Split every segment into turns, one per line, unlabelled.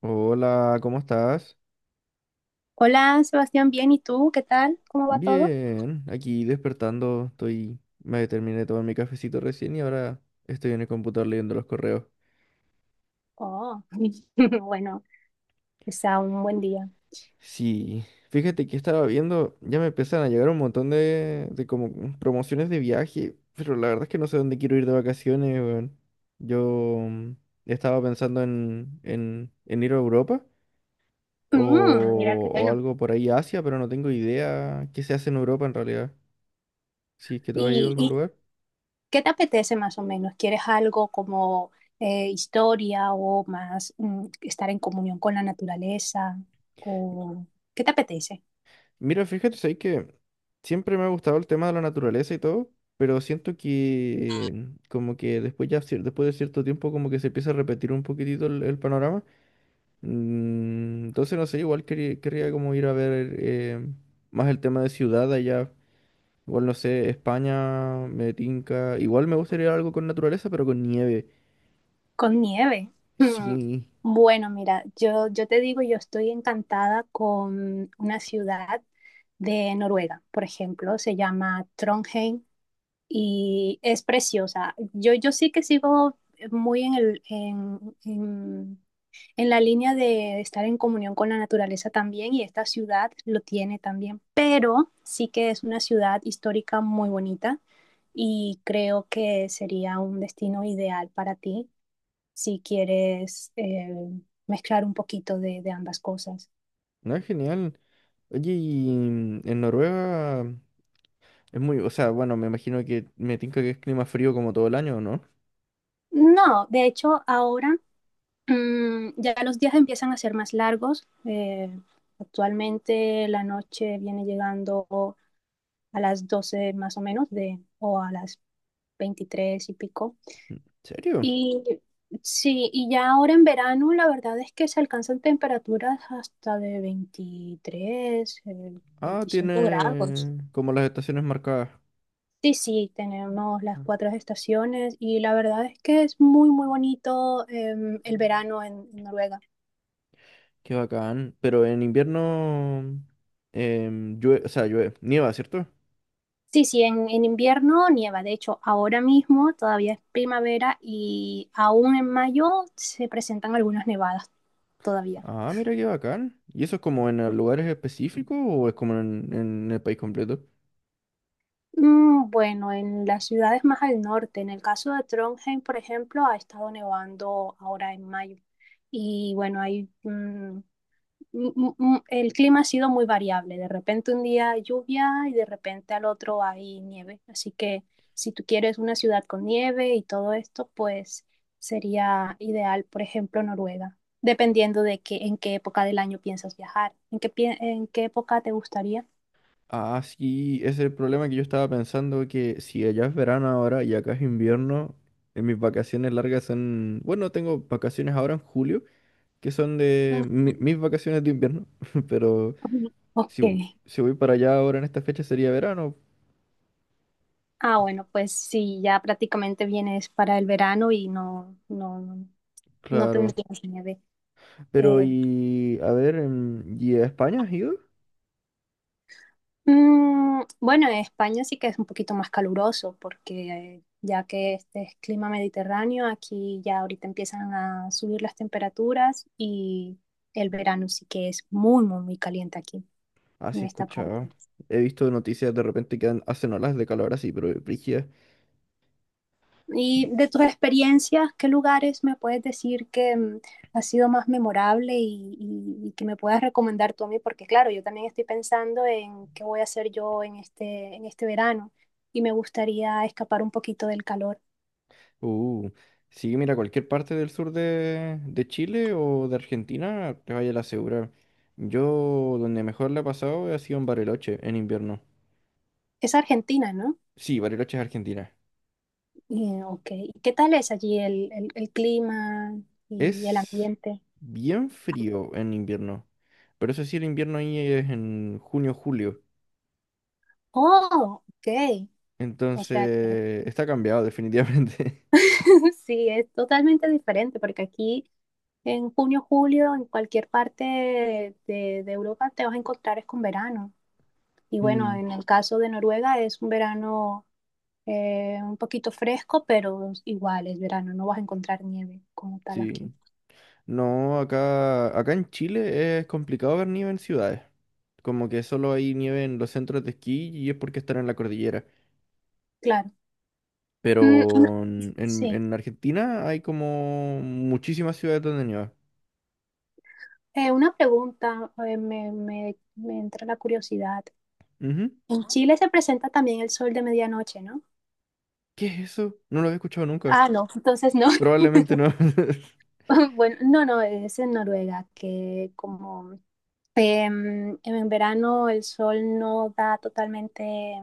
Hola, ¿cómo estás?
Hola, Sebastián, bien, ¿y tú? ¿Qué tal? ¿Cómo va todo?
Bien, aquí despertando, estoy, me terminé de tomar mi cafecito recién y ahora estoy en el computador leyendo los correos.
Oh, bueno, está un buen día.
Sí, fíjate que estaba viendo, ya me empiezan a llegar un montón de como promociones de viaje, pero la verdad es que no sé dónde quiero ir de vacaciones, weón. Yo mm, estaba pensando en ir a Europa
Mira qué
o
bueno.
algo por ahí, Asia, pero no tengo idea qué se hace en Europa en realidad. Si es que tú has ido a
¿Y,
algún
y
lugar.
qué te apetece más o menos? ¿Quieres algo como historia o más estar en comunión con la naturaleza? ¿O qué te apetece?
Mira, fíjate, sabes que siempre me ha gustado el tema de la naturaleza y todo, pero siento que como que después ya después de cierto tiempo como que se empieza a repetir un poquitito el panorama. Entonces no sé, igual quería, querría como ir a ver más el tema de ciudad allá. Igual no sé, España, me tinca. Igual me gustaría algo con naturaleza, pero con nieve.
Con nieve. Mm,
Sí,
Bueno, mira, yo te digo, yo estoy encantada con una ciudad de Noruega, por ejemplo, se llama Trondheim. Y es preciosa. Yo sí que sigo muy en la línea de estar en comunión con la naturaleza también y esta ciudad lo tiene también, pero sí que es una ciudad histórica muy bonita y creo que sería un destino ideal para ti si quieres mezclar un poquito de ambas cosas.
no es genial. Oye, y en Noruega es muy, o sea, bueno, me imagino que me tinca que es clima frío como todo el año, ¿no?
No, de hecho, ahora ya los días empiezan a ser más largos. Actualmente la noche viene llegando a las 12 más o menos o a las 23 y pico.
¿Serio?
Y sí, y ya ahora en verano la verdad es que se alcanzan temperaturas hasta de
Ah,
25 grados.
tiene como las estaciones marcadas.
Sí, sí, tenemos las
Ah,
cuatro estaciones y la verdad es que es muy, muy bonito el verano en Noruega.
qué bacán. Pero en invierno o sea, llueve, nieva, ¿cierto?
Sí, sí, en invierno nieva. De hecho, ahora mismo todavía es primavera y aún en mayo se presentan algunas nevadas todavía.
Ah, mira qué bacán. ¿Y eso es como en lugares específicos o es como en el país completo?
Bueno, en las ciudades más al norte, en el caso de Trondheim, por ejemplo, ha estado nevando ahora en mayo. Y bueno, hay el clima ha sido muy variable. De repente un día hay lluvia y de repente al otro hay nieve. Así que si tú quieres una ciudad con nieve y todo esto, pues sería ideal, por ejemplo, Noruega, dependiendo de que en qué época del año piensas viajar. En qué época te gustaría?
Ah, sí, ese es el problema que yo estaba pensando que si allá es verano ahora y acá es invierno, en mis vacaciones largas son, bueno, tengo vacaciones ahora en julio, que son de mis vacaciones de invierno, pero
Ujú.
si,
Ok.
si voy para allá ahora en esta fecha sería verano,
Ah, bueno, pues sí, ya prácticamente vienes para el verano y no
claro.
tendrías nieve.
Pero,
Eh,
y a ver, ¿y a España has ido?
Bueno, en España sí que es un poquito más caluroso porque ya que este es clima mediterráneo, aquí ya ahorita empiezan a subir las temperaturas y el verano sí que es muy, muy, muy caliente aquí
Ah,
en
sí, he
esta parte.
escuchado. He visto noticias de repente que hacen olas de calor así, pero brígidas.
Y de tus experiencias, ¿qué lugares me puedes decir que ha sido más memorable y, y que me puedas recomendar tú a mí? Porque claro, yo también estoy pensando en qué voy a hacer yo en en este verano y me gustaría escapar un poquito del calor.
Uh, sí, mira, cualquier parte del sur de Chile o de Argentina, te vaya a la segura. Yo donde mejor la he pasado ha sido en Bariloche en invierno.
Es Argentina, ¿no?
Sí, Bariloche es Argentina.
Ok. ¿Y ¿Qué tal es allí el clima y el
Es
ambiente?
bien frío en invierno. Pero eso sí, el invierno ahí es en junio, julio.
Oh, ok. O sea,
Entonces, está cambiado definitivamente.
sí, es totalmente diferente porque aquí en junio, julio, en cualquier parte de Europa te vas a encontrar es con verano. Y bueno,
Mm,
en el caso de Noruega es un verano un poquito fresco, pero igual es verano, no vas a encontrar nieve como tal aquí.
sí. No, acá en Chile es complicado ver nieve en ciudades. Como que solo hay nieve en los centros de esquí y es porque están en la cordillera.
Claro. Mm, mm,
Pero en,
sí.
en Argentina hay como muchísimas ciudades donde nieva.
Una pregunta, me entra la curiosidad.
Ujú.
En Chile se presenta también el sol de medianoche, ¿no?
¿Qué es eso? No lo había escuchado nunca.
Ah, no, entonces no.
Probablemente no.
Bueno, no, no, es en Noruega, que como en verano el sol no da totalmente,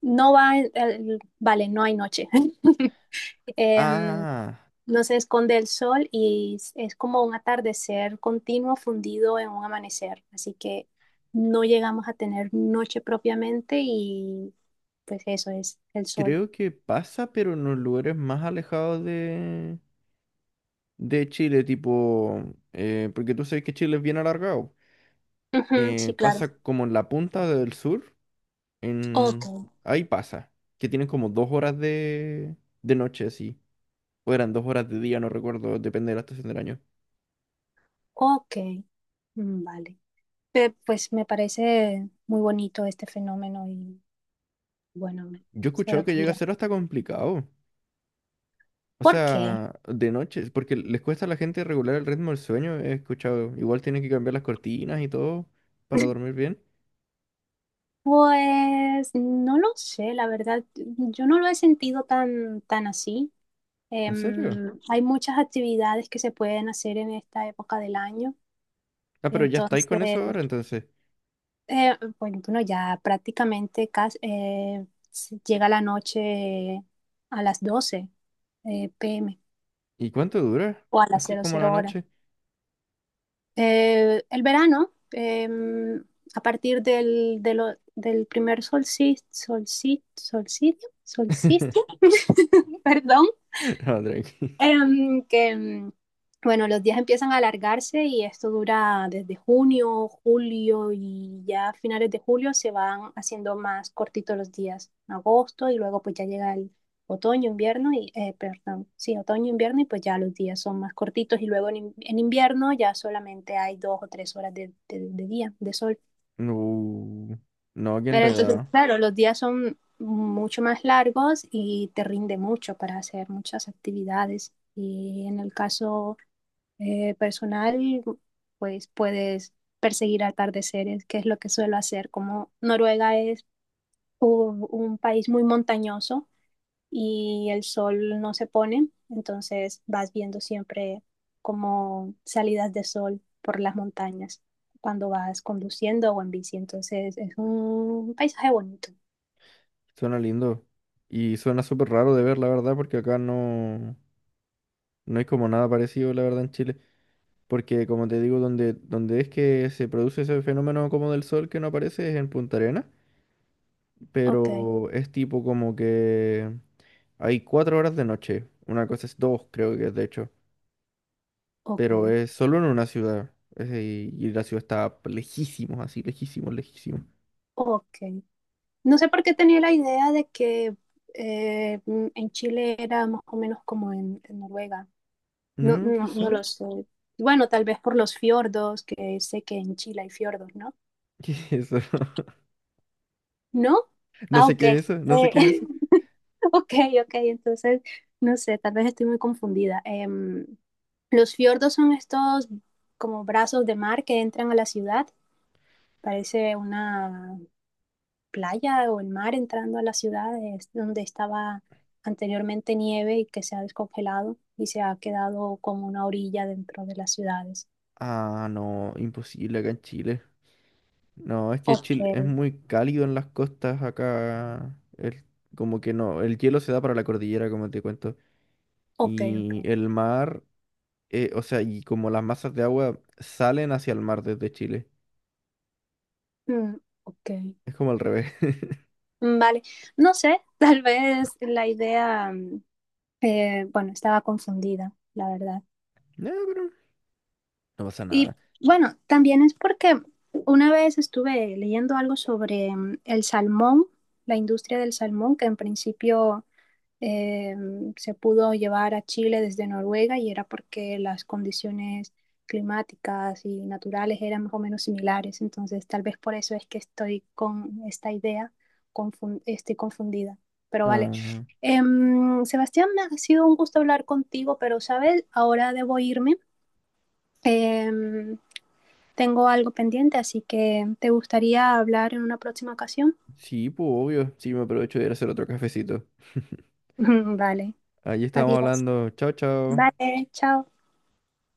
no va, el- vale, no hay noche. Em,
Ah,
No se esconde el sol y es como un atardecer continuo fundido en un amanecer. Así que no llegamos a tener noche propiamente y pues eso es el sol.
creo que pasa, pero en los lugares más alejados de Chile, tipo, porque tú sabes que Chile es bien alargado.
Ujú, sí, claro.
Pasa como en la punta del sur,
Ok,
en... ahí pasa, que tienen como dos horas de noche, así. O eran dos horas de día, no recuerdo, depende de la estación del año.
ok. Vale. Pues me parece muy bonito este fenómeno y bueno,
Yo he
solo
escuchado que llega a
quería.
ser hasta complicado. O
¿Por qué?
sea, de noche, porque les cuesta a la gente regular el ritmo del sueño, he escuchado. Igual tienen que cambiar las cortinas y todo para dormir bien.
Pues no lo sé, la verdad, yo no lo he sentido tan, tan así.
¿En serio?
Hay muchas actividades que se pueden hacer en esta época del año.
Ah, pero ya estáis
Entonces,
con eso ahora, entonces.
bueno, ya prácticamente casi, se llega la noche a las 12 p.m.
¿Y cuánto dura?
o a las
Así
cero
como la
cero horas.
noche.
El verano, a partir del primer solsticio, perdón,
No, tranqui.
Em, que, em, bueno, los días empiezan a alargarse y esto dura desde junio, julio y ya a finales de julio se van haciendo más cortitos los días, agosto y luego pues ya llega el otoño, invierno y, perdón, sí, otoño, invierno y pues ya los días son más cortitos y luego en invierno ya solamente hay dos o tres horas de día, de sol.
Uh, no, qué
Pero entonces,
enredado.
claro, los días son mucho más largos y te rinde mucho para hacer muchas actividades. Y en el caso personal, pues puedes perseguir atardeceres, que es lo que suelo hacer. Como Noruega es un país muy montañoso y el sol no se pone, entonces vas viendo siempre como salidas de sol por las montañas cuando vas conduciendo o en bici. Entonces es un paisaje bonito.
Suena lindo. Y suena súper raro de ver, la verdad, porque acá no, no hay como nada parecido, la verdad, en Chile. Porque, como te digo, donde es que se produce ese fenómeno como del sol que no aparece es en Punta Arenas.
Ok,
Pero es tipo como que hay cuatro horas de noche. Una cosa es dos, creo que es de hecho.
ok,
Pero es solo en una ciudad. Y la ciudad está lejísimos, así, lejísimos, lejísimos.
ok. No sé por qué tenía la idea de que en Chile era más o menos como en Noruega.
No,
No
quizá.
lo sé. Bueno, tal vez por los fiordos, que sé que en Chile hay fiordos, ¿no?
¿Qué es eso?
¿No?
No
Ah,
sé
ok.
qué es eso, no sé qué es eso.
Ok, ok, entonces, no sé, tal vez estoy muy confundida. Los fiordos son estos como brazos de mar que entran a la ciudad. Parece una playa o el mar entrando a las ciudades donde estaba anteriormente nieve y que se ha descongelado y se ha quedado como una orilla dentro de las ciudades.
Ah, no, imposible acá en Chile. No, es que
Ok,
Chile es muy cálido en las costas acá. Como que no, el hielo se da para la cordillera, como te cuento. Y
ok.
el mar, o sea, y como las masas de agua salen hacia el mar desde Chile.
Mm, ok.
Es como al revés.
Vale, no sé, tal vez la idea, bueno, estaba confundida, la verdad.
No, pero no pasa
Y
nada.
bueno, también es porque una vez estuve leyendo algo sobre el salmón, la industria del salmón, que en principio eh, se pudo llevar a Chile desde Noruega y era porque las condiciones climáticas y naturales eran más o menos similares. Entonces, tal vez por eso es que estoy con esta idea, estoy confundida. Pero vale.
Ah,
Sebastián, me ha sido un gusto hablar contigo, pero sabes, ahora debo irme. Em, Tengo algo pendiente, así que ¿te gustaría hablar en una próxima ocasión?
sí, pues obvio. Sí, me aprovecho de ir a hacer otro cafecito.
Vale,
Allí estábamos
adiós.
hablando. Chao, chao.
Vale, chao.